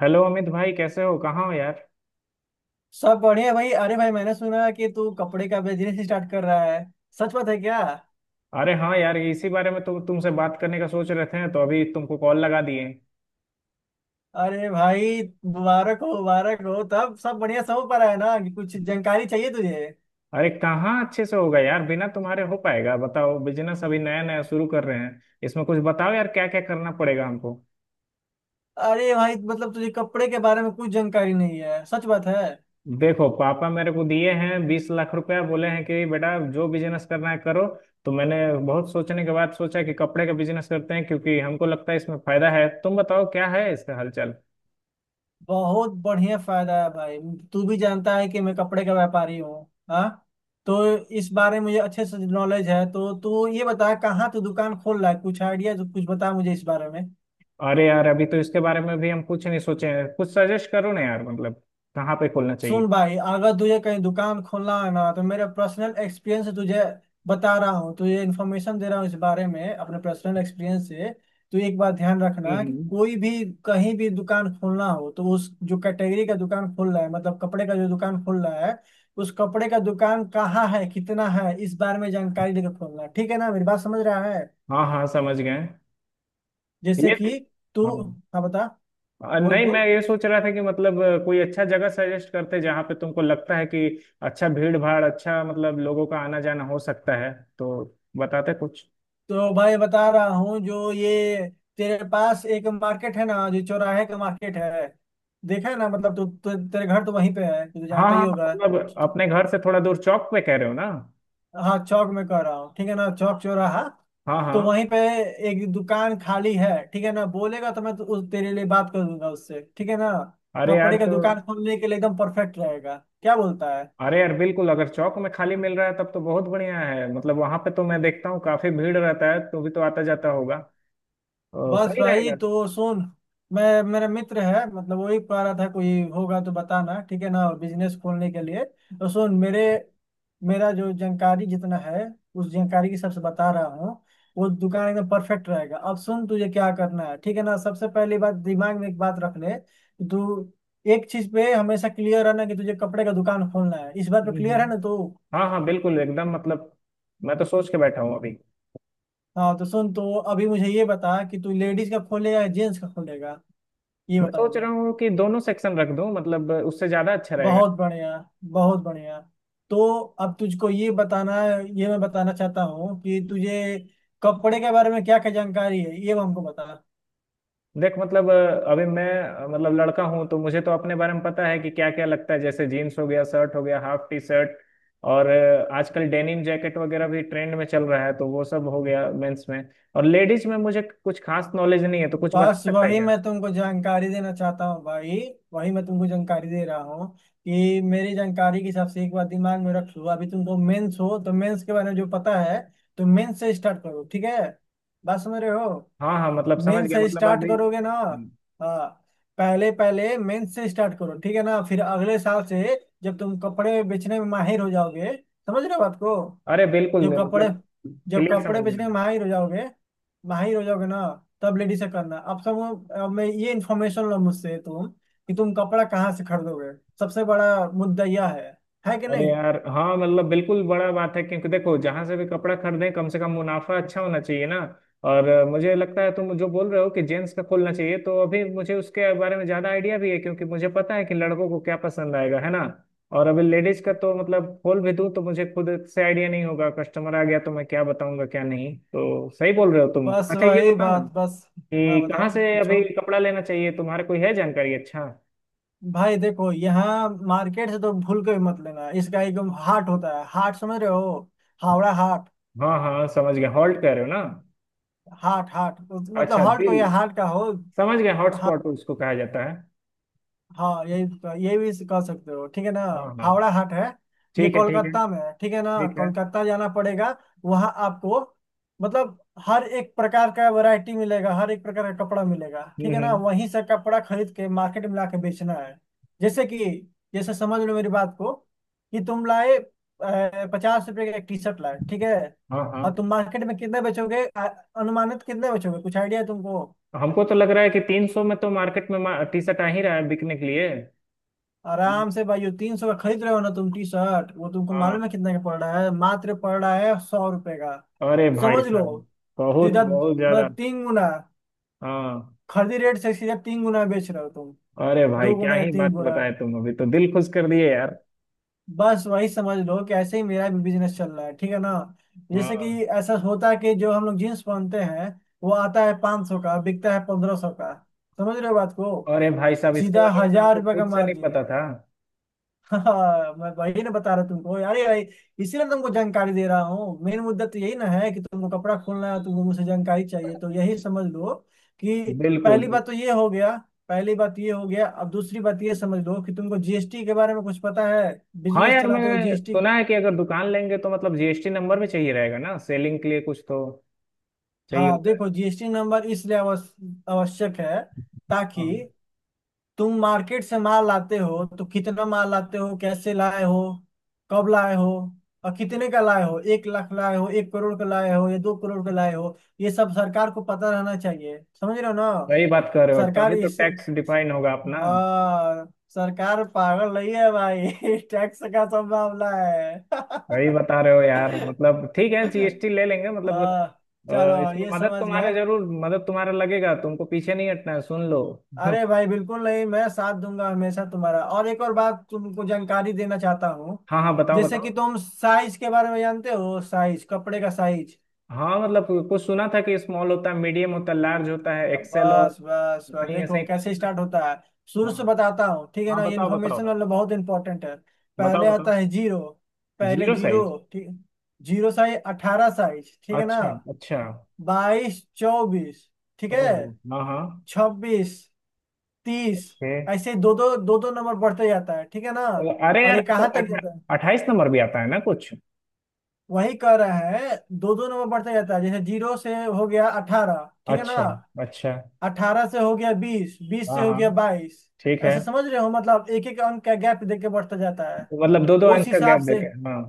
Hello Amit भाई, कैसे हो? कहाँ हो यार? सब बढ़िया भाई। अरे भाई, मैंने सुना कि तू कपड़े का बिजनेस स्टार्ट कर रहा है। सच बात है क्या? अरे हाँ यार, इसी बारे में तुमसे बात करने का सोच रहे थे तो अभी तुमको कॉल लगा दिए। अरे भाई, मुबारक हो मुबारक हो। तब सब बढ़िया समझ पा रहा है ना कि कुछ जानकारी चाहिए तुझे। अरे कहाँ अच्छे से होगा यार, बिना तुम्हारे हो पाएगा? बताओ, बिजनेस अभी नया नया शुरू कर रहे हैं, इसमें कुछ बताओ यार, क्या क्या करना पड़ेगा हमको। अरे भाई, मतलब तुझे कपड़े के बारे में कुछ जानकारी नहीं है? सच बात है? देखो, पापा मेरे को दिए हैं 20 लाख रुपया, बोले हैं कि बेटा जो बिजनेस करना है करो। तो मैंने बहुत सोचने के बाद सोचा कि कपड़े का बिजनेस करते हैं, क्योंकि हमको लगता है इसमें फायदा है। तुम बताओ क्या है इसका हालचाल। बहुत बढ़िया फायदा है भाई। तू भी जानता है कि मैं कपड़े का व्यापारी हूँ। हाँ, तो इस बारे में मुझे अच्छे से नॉलेज है। तो तू ये बता कहाँ तू दुकान खोल रहा है, कुछ आइडिया कुछ बता मुझे इस बारे में। अरे यार, अभी तो इसके बारे में भी हम कुछ नहीं सोचे हैं, कुछ सजेस्ट करो ना यार, मतलब कहाँ पे खोलना चाहिए। सुन भाई, अगर तुझे कहीं दुकान खोलना है ना, तो मेरे पर्सनल एक्सपीरियंस से तुझे बता रहा हूँ, तुझे इन्फॉर्मेशन दे रहा हूँ इस बारे में अपने पर्सनल एक्सपीरियंस से। तू एक बात ध्यान रखना कि हम्म। कोई भी कहीं भी दुकान खोलना हो तो उस जो कैटेगरी का दुकान खोल रहा है, मतलब कपड़े का जो दुकान खोल रहा है, उस कपड़े का दुकान कहाँ है, कितना है, इस बारे में जानकारी लेकर खोलना। ठीक है ना, मेरी बात समझ रहा है? हाँ हाँ समझ गए। जैसे कि ये। तू, हाँ। हाँ बता। बोल नहीं, मैं बोल। ये सोच रहा था कि मतलब कोई अच्छा जगह सजेस्ट करते जहाँ पे तुमको लगता है कि अच्छा भीड़ भाड़, अच्छा मतलब लोगों का आना जाना हो सकता है, तो बताते कुछ। तो भाई बता रहा हूँ, जो ये तेरे पास एक मार्केट है ना, जो चौराहे का मार्केट है। देखा है ना, मतलब तू तेरे घर तो वहीं पे है, तू तो हाँ जानता ही हाँ, होगा। मतलब अपने घर से थोड़ा दूर चौक पे कह रहे हो ना? हाँ, चौक में कह रहा हूँ, ठीक है ना, चौक चौराहा। हाँ तो हाँ। वहीं पे एक दुकान खाली है, ठीक है ना। बोलेगा तो मैं तो उस तेरे लिए बात कर दूंगा उससे, ठीक है ना। अरे यार कपड़े का तो। दुकान खोलने के लिए एकदम परफेक्ट रहेगा, क्या बोलता है? अरे यार बिल्कुल, अगर चौक में खाली मिल रहा है तब तो बहुत बढ़िया है। मतलब वहां पे तो मैं देखता हूँ काफी भीड़ रहता है, तो भी तो आता जाता होगा, तो बस सही भाई, रहेगा। तो सुन, मैं, मेरा मित्र है, मतलब वही पा रहा था कोई होगा तो बताना, ठीक है ना, बिजनेस खोलने के लिए। तो सुन, मेरे, मेरा जो जानकारी जितना है, उस जानकारी के सबसे बता रहा हूँ। वो दुकान एकदम परफेक्ट रहेगा। अब सुन तुझे क्या करना है, ठीक है ना। सबसे पहली बात दिमाग में एक बात रख ले कि तू एक चीज पे हमेशा क्लियर रहना कि तुझे कपड़े का दुकान खोलना है। इस बात पे हम्म क्लियर है हम्म। ना तू? हाँ हाँ बिल्कुल एकदम, मतलब मैं तो सोच के बैठा हूँ अभी। हाँ, तो सुन, तो अभी मुझे ये बता कि तू लेडीज का खोलेगा या जेंट्स का खोलेगा, ये मैं बता सोच मुझे। रहा हूँ कि दोनों सेक्शन रख दूँ, मतलब उससे ज्यादा अच्छा रहेगा। बहुत बढ़िया, बहुत बढ़िया। तो अब तुझको ये बताना, ये मैं बताना चाहता हूँ कि तुझे कपड़े के बारे में क्या क्या जानकारी है, ये हमको बता। देख मतलब, अभी मैं मतलब लड़का हूं, तो मुझे तो अपने बारे में पता है कि क्या क्या लगता है। जैसे जीन्स हो गया, शर्ट हो गया, हाफ टी शर्ट, और आजकल डेनिम जैकेट वगैरह भी ट्रेंड में चल रहा है, तो वो सब हो गया मेंस में। और लेडीज में मुझे कुछ खास नॉलेज नहीं है, तो कुछ बता बस सकता है वही क्या? मैं तुमको जानकारी देना चाहता हूँ भाई, वही मैं तुमको जानकारी दे रहा हूँ कि मेरी जानकारी के हिसाब से एक बार दिमाग में रख लो, अभी तुमको मेंस हो तो मेंस के बारे में जो पता है, तो मेंस से स्टार्ट करो, ठीक है, बात समझ रहे हो? हाँ हाँ मतलब समझ मेन गया, से मतलब स्टार्ट अभी। करोगे ना? हम्म। हाँ। पहले पहले मेन से स्टार्ट करो, ठीक है ना, फिर अगले साल से जब तुम कपड़े बेचने में माहिर हो जाओगे, समझ रहे हो बात को, अरे बिल्कुल, जब कपड़े, मतलब जब क्लियर कपड़े समझ में आ बेचने रहा में है। माहिर हो जाओगे, माहिर हो जाओगे ना, तब लेडीज से करना। अब सब, अब मैं ये इन्फॉर्मेशन लो मुझसे तुम, कि तुम कपड़ा कहाँ से खरीदोगे। सबसे बड़ा मुद्दा यह है कि अरे नहीं? यार हाँ, मतलब बिल्कुल बड़ा बात है, क्योंकि देखो जहां से भी कपड़ा खरीदें, कम से कम मुनाफा अच्छा होना चाहिए ना। और मुझे लगता है तुम जो बोल रहे हो कि जेंट्स का खोलना चाहिए, तो अभी मुझे उसके बारे में ज्यादा आइडिया भी है, क्योंकि मुझे पता है कि लड़कों को क्या पसंद आएगा, है ना। और अभी लेडीज का तो मतलब खोल भी दूं तो मुझे खुद से आइडिया नहीं होगा, कस्टमर आ गया तो मैं क्या बताऊंगा क्या नहीं। तो सही बोल रहे हो तुम। बस अच्छा ये वही बताओ ना, बात, बस। हाँ कि कहाँ बताओ से पूछो। अभी कपड़ा लेना चाहिए, तुम्हारे कोई है जानकारी? अच्छा। भाई देखो, यहाँ मार्केट से तो भूल के भी मत लेना। इसका एक हाट होता है, हाट समझ रहे हो, हावड़ा हाट। हाँ हाँ समझ गया, हॉल्ट कह रहे हो ना? हाट हाट उस- मतलब अच्छा हाट को दिल, या हाट का हो। समझ गए, हॉटस्पॉट उसको कहा जाता है। हाँ, यही तो, यही भी कह सकते हो, ठीक है ना। हाँ हाँ। हावड़ा हाट है, ये ठीक है ठीक है। कोलकाता में है, ठीक है ना, ठीक है। कोलकाता जाना पड़ेगा। वहाँ आपको, मतलब, हर एक प्रकार का वैरायटी मिलेगा, हर एक प्रकार का कपड़ा मिलेगा, ठीक है ना, हम्म। वहीं से कपड़ा खरीद के मार्केट में लाके बेचना है। जैसे कि, जैसे समझ लो मेरी बात को, कि तुम लाए, 50 रुपए का एक टी शर्ट लाए, ठीक है। हाँ हाँ। और तुम मार्केट में कितने बेचोगे, अनुमानित कितने बेचोगे, कुछ आइडिया है तुमको? हमको तो लग रहा है कि 300 में तो मार्केट में टी शर्ट आ ही रहा है बिकने के लिए। आराम से भाई, 300 का खरीद रहे हो ना तुम टी शर्ट, वो तुमको हाँ। मालूम है कितने का पड़ रहा है? मात्र पड़ रहा है 100 रुपए का। अरे भाई समझ लो, साहब, बहुत सीधा बहुत ज्यादा। मतलब 3 गुना, हाँ। खरीदी रेट से सीधा 3 गुना बेच रहे हो तुम। अरे भाई, दो क्या गुना या ही तीन बात गुना बताए तुम, अभी तो दिल खुश कर दिए यार। बस वही समझ लो कि ऐसे ही मेरा भी बिजनेस चल रहा है, ठीक है ना। जैसे कि हाँ। ऐसा होता है कि जो हम लोग जीन्स पहनते हैं, वो आता है 500 का, बिकता है 1500 का। समझ रहे हो बात को? अरे भाई साहब, इसके सीधा बारे में तो हजार हमको रुपये का खुद से नहीं मार्जिन। पता था। हाँ मैं वही ना बता रहा तुमको यार ये, इसीलिए तुमको जानकारी दे रहा हूँ। मेन मुद्दा तो यही ना है कि तुमको कपड़ा खोलना है, तुमको मुझसे जानकारी चाहिए, तो यही समझ लो कि बिल्कुल पहली बिल्कुल। बात तो ये हो गया। पहली बात ये हो गया, अब दूसरी बात ये समझ लो कि तुमको जीएसटी के बारे में कुछ पता है? हाँ बिजनेस यार, चलाते हो मैंने जीएसटी। सुना है कि अगर दुकान लेंगे तो मतलब जीएसटी नंबर भी चाहिए रहेगा ना, सेलिंग के लिए कुछ तो चाहिए हाँ होता है। देखो, जीएसटी नंबर इसलिए आवश्यक है, ताकि हाँ, तुम मार्केट से माल लाते हो तो कितना माल लाते हो, कैसे लाए हो, कब लाए हो, और कितने का लाए हो, 1 लाख लाए हो, 1 करोड़ का लाए हो या 2 करोड़ का लाए हो, ये सब सरकार को पता रहना चाहिए, समझ रहे हो ना। वही बात कर रहे हो, सरकार तभी तो इस टैक्स डिफाइन होगा अपना। हाँ, सरकार पागल नहीं है भाई। टैक्स का सब मामला है। वही बता रहे हो यार, मतलब ठीक है, जीएसटी ले लेंगे मतलब। हाँ चलो, इसमें ये मदद समझ तुम्हारा, गए। जरूर मदद तुम्हारा लगेगा, तुमको पीछे नहीं हटना है, सुन लो। अरे भाई बिल्कुल नहीं, मैं साथ दूंगा हमेशा तुम्हारा। और एक और बात तुमको जानकारी देना चाहता हूँ, हाँ हाँ, बताओ जैसे कि बताओ। तुम साइज के बारे में जानते हो, साइज, कपड़े का साइज। हाँ मतलब कुछ सुना था कि स्मॉल होता है, मीडियम होता है, लार्ज होता है, अब एक्सेल, और बस बस बस, सही, ऐसे देखो ही कुछ कैसे स्टार्ट होता है, शुरू से हाँ बताता हूँ, ठीक है हाँ ना, ये बताओ बताओ, इन्फॉर्मेशन वाला बहुत इंपॉर्टेंट है। बताओ पहले बताओ। आता है जीरो। पहले जीरो जीरो, साइज। ठीक, जीरो साइज, 18 साइज, ठीक है ना, अच्छा अच्छा। 22, 24, ठीक है, ओहो हाँ हाँ। 26, 30, ओके। ऐसे दो दो दो दो नंबर बढ़ते जाता है, ठीक है ना। अरे और यार ये तो कहाँ तक जाता है? 28 नंबर भी आता है ना कुछ? वही कह रहा है दो दो नंबर बढ़ते जाता है, जैसे जीरो से हो गया 18, ठीक है ना, अच्छा अच्छा। 18 से हो गया 20, 20 हाँ से हो हाँ गया 22। ठीक है। ऐसा समझ रहे हो, मतलब एक एक अंक का गैप देके बढ़ता जाता है, तो मतलब दो दो उस अंक का हिसाब गैप से। देते हैं हाँ।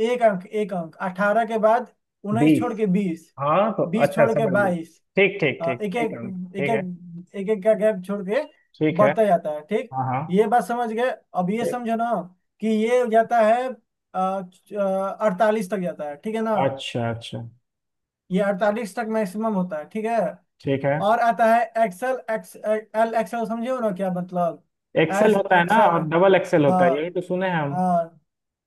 एक अंक एक अंक, 18 के बाद 19 छोड़ 20। के 20, हाँ तो 20 अच्छा, छोड़ के समझ गई। 22। ठीक ठीक हाँ, ठीक। एक ठीक एक, है। एक ठीक है एक, एक एक का गैप छोड़ के ठीक है। बढ़ता जाता है, ठीक। हाँ हाँ। ये बात समझ गए? अब ये ठीक। समझो ना कि ये जाता है, 48 तक जाता है, ठीक है ना। अच्छा अच्छा। ये 48 तक मैक्सिमम होता है, ठीक है। ठीक है। और आता है एक्सल, XL, एक्सल, समझे हो ना क्या मतलब? एक्सेल एस होता है ना, एक्सल। और डबल एक्सेल होता हाँ। है, यही तो सुने हैं हम। हाँ,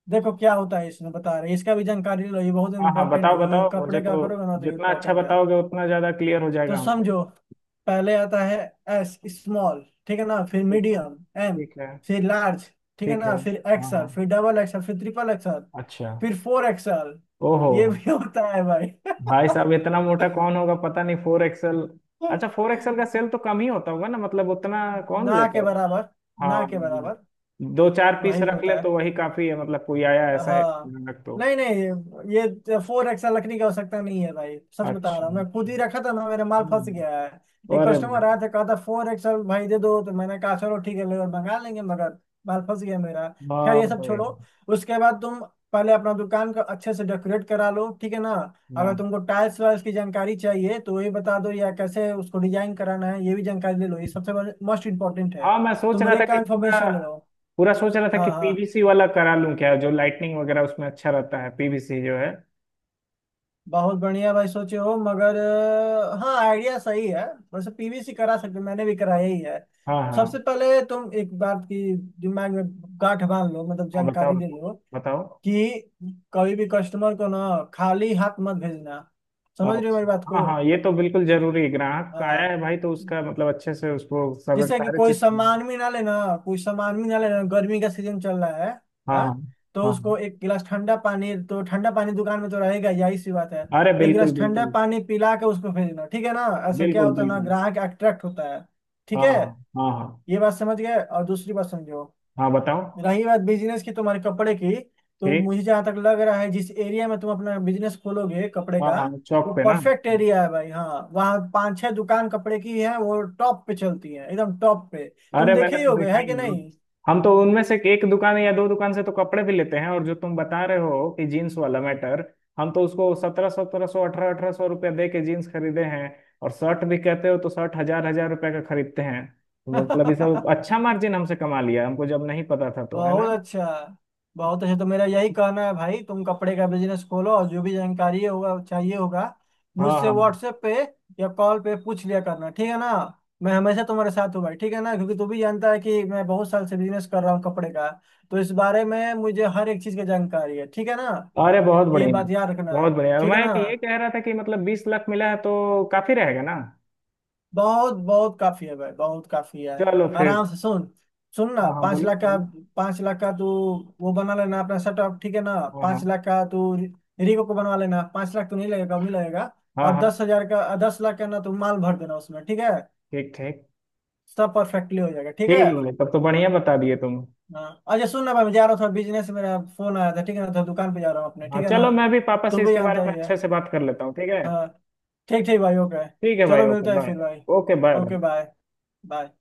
देखो क्या होता है इसमें बता रहे हैं। इसका भी जानकारी लो, ये बहुत हाँ हाँ इंपॉर्टेंट बताओ है क्योंकि बताओ, मुझे कपड़े तो का करोगे ना तो ये जितना अच्छा इंपॉर्टेंट है। बताओगे उतना ज्यादा क्लियर हो तो जाएगा हमको। समझो, पहले आता है एस, स्मॉल, ठीक है ना, फिर ठीक है। मीडियम, एम, ठीक है। फिर लार्ज, ठीक है ठीक है। ना, फिर हाँ एक्सएल, हाँ। फिर डबल एक्सएल, फिर ट्रिपल एक्सएल, अच्छा। फिर फोर एक्सएल। ओहो। ये भी होता है भाई। भाई साहब, इतना मोटा कौन होगा पता नहीं, फोर एक्सएल। अच्छा, फोर एक्सएल का सेल तो कम ही होता होगा ना, मतलब उतना कौन ना लेता के हो। बराबर, ना हाँ, के बराबर। दो चार पीस वही रख ले होता। तो वही काफी है, मतलब कोई आया ऐसा है, हाँ। रख तो। नहीं नहीं, ये फोर एक्स लकड़ी का आवश्यकता नहीं है भाई, सच बता अच्छा रहा हूँ, मैं अच्छा। खुद ही रखा था ना, मेरा माल फंस गया हम्म। है। एक अरे कस्टमर भाई। आया था, कहा था फोर एक्सएल भाई दे दो, तो मैंने कहा चलो ठीक है ले लो, मंगा लेंगे, मगर माल फंस गया मेरा। खैर, ये बाप सब रे। छोड़ो, उसके बाद तुम पहले अपना दुकान का अच्छे से डेकोरेट करा लो, ठीक है ना। ना। अगर तुमको टाइल्स वाइल्स की जानकारी चाहिए तो ये बता दो, या कैसे उसको डिजाइन कराना है, ये भी जानकारी ले लो, ये सबसे मोस्ट इम्पोर्टेंट है। हाँ, मैं सोच तुम रहा था रेट का कि पूरा इन्फॉर्मेशन ले लो। पूरा सोच रहा था हाँ कि हाँ। पीवीसी वाला करा लूं क्या, जो लाइटनिंग वगैरह उसमें अच्छा रहता है, पीवीसी जो है। बहुत बढ़िया भाई सोचे हो, मगर हाँ आइडिया सही है। वैसे पीवीसी करा सकते हो, मैंने भी कराया ही है। हाँ हाँ सबसे पहले तुम एक बात की दिमाग में गांठ बांध लो, मतलब हाँ, बताओ जानकारी ले लो बताओ। कि कभी भी कस्टमर को ना खाली हाथ मत भेजना, समझ रहे हो मेरी अच्छा, बात हाँ को। हाँ ये तो बिल्कुल जरूरी है, ग्राहक आया हाँ, है भाई तो उसका मतलब अच्छे से उसको सब जिससे कि सारे कोई चीज। सामान भी ना लेना, कोई सामान भी ना लेना, गर्मी का सीजन चल रहा है, हाँ हाँ। हाँ, तो हाँ हाँ। उसको एक गिलास ठंडा पानी, तो ठंडा पानी दुकान में तो रहेगा, यही सी बात है। अरे एक बिल्कुल गिलास ठंडा बिल्कुल। पानी पिला के उसको भेजना, ठीक है ना, ऐसे क्या बिल्कुल होता है ना, बिल्कुल। ग्राहक अट्रैक्ट होता है, ठीक हाँ है। हाँ हाँ हाँ। ये बात समझ गए, और दूसरी बात समझो। हाँ बताओ। रही बात बिजनेस की तुम्हारे कपड़े की, तो ठीक। मुझे जहाँ तक लग रहा है, जिस एरिया में तुम अपना बिजनेस खोलोगे कपड़े हाँ का, हाँ, वो चौक पे ना। परफेक्ट एरिया है भाई। हाँ, वहाँ पांच छह दुकान कपड़े की है, वो टॉप पे चलती है, एकदम टॉप पे। तुम अरे देखे मैंने ही तो होगे, देखा है कि ही है। हम तो उनमें से एक दुकान या दो दुकान से तो कपड़े भी लेते हैं, और जो तुम बता रहे हो कि जीन्स वाला मैटर, हम तो उसको सत्रह सत्रह सौ अठारह अठारह सौ रुपया दे के जीन्स खरीदे हैं। और शर्ट भी कहते हो तो शर्ट हजार हजार रुपया का खरीदते हैं। तो मतलब ये सब नहीं? अच्छा मार्जिन हमसे कमा लिया, हमको जब नहीं पता था तो, है ना। बहुत अच्छा, बहुत अच्छा। तो मेरा यही कहना है भाई, तुम कपड़े का बिजनेस खोलो, और जो भी जानकारी होगा चाहिए होगा हाँ मुझसे हाँ। व्हाट्सएप पे या कॉल पे पूछ लिया करना, ठीक है ना। मैं हमेशा तुम्हारे साथ हूँ भाई, ठीक है ना, क्योंकि तू भी जानता है कि मैं बहुत साल से बिजनेस कर रहा हूँ कपड़े का, तो इस बारे में मुझे हर एक चीज की जानकारी है, ठीक है ना। अरे बहुत ये बढ़िया, बात याद रखना। बहुत बढ़िया। ठीक है मैं ना, तो ये कह रहा था कि मतलब 20 लाख मिला है तो काफी रहेगा ना? बहुत बहुत काफी है भाई, बहुत काफी है। चलो फिर। आराम से सुन, सुन ना, हाँ हाँ पांच बोलो लाख का, बोलो। पांच लाख का तू वो बना लेना अपना सेटअप, ठीक है ना। हाँ पांच हाँ लाख का तू रिको को बनवा लेना, 5 लाख तो नहीं लगेगा, कम ही लगेगा। हाँ और हाँ। 10 हजार का, 10 लाख का ना तू माल भर देना उसमें, ठीक है। ठीक ठीक। सब परफेक्टली हो जाएगा, ठीक ठीक है। है भाई, तब तो बढ़िया बता दिए तुम। हाँ अच्छा, सुन ना भाई, मैं जा रहा था बिजनेस, मेरा फोन आया था, ठीक है ना, तो दुकान पे जा रहा हूँ अपने, हाँ ठीक है ना, चलो, मैं भी पापा तू से भी इसके बारे जानता में ही है। अच्छे से बात कर लेता हूँ, ठीक है। हाँ, ठीक ठीक भाई, ओके। ठीक है भाई। चलो ओके, मिलता है बाय। फिर भाई। Okay, bye. Okay bye. Bye.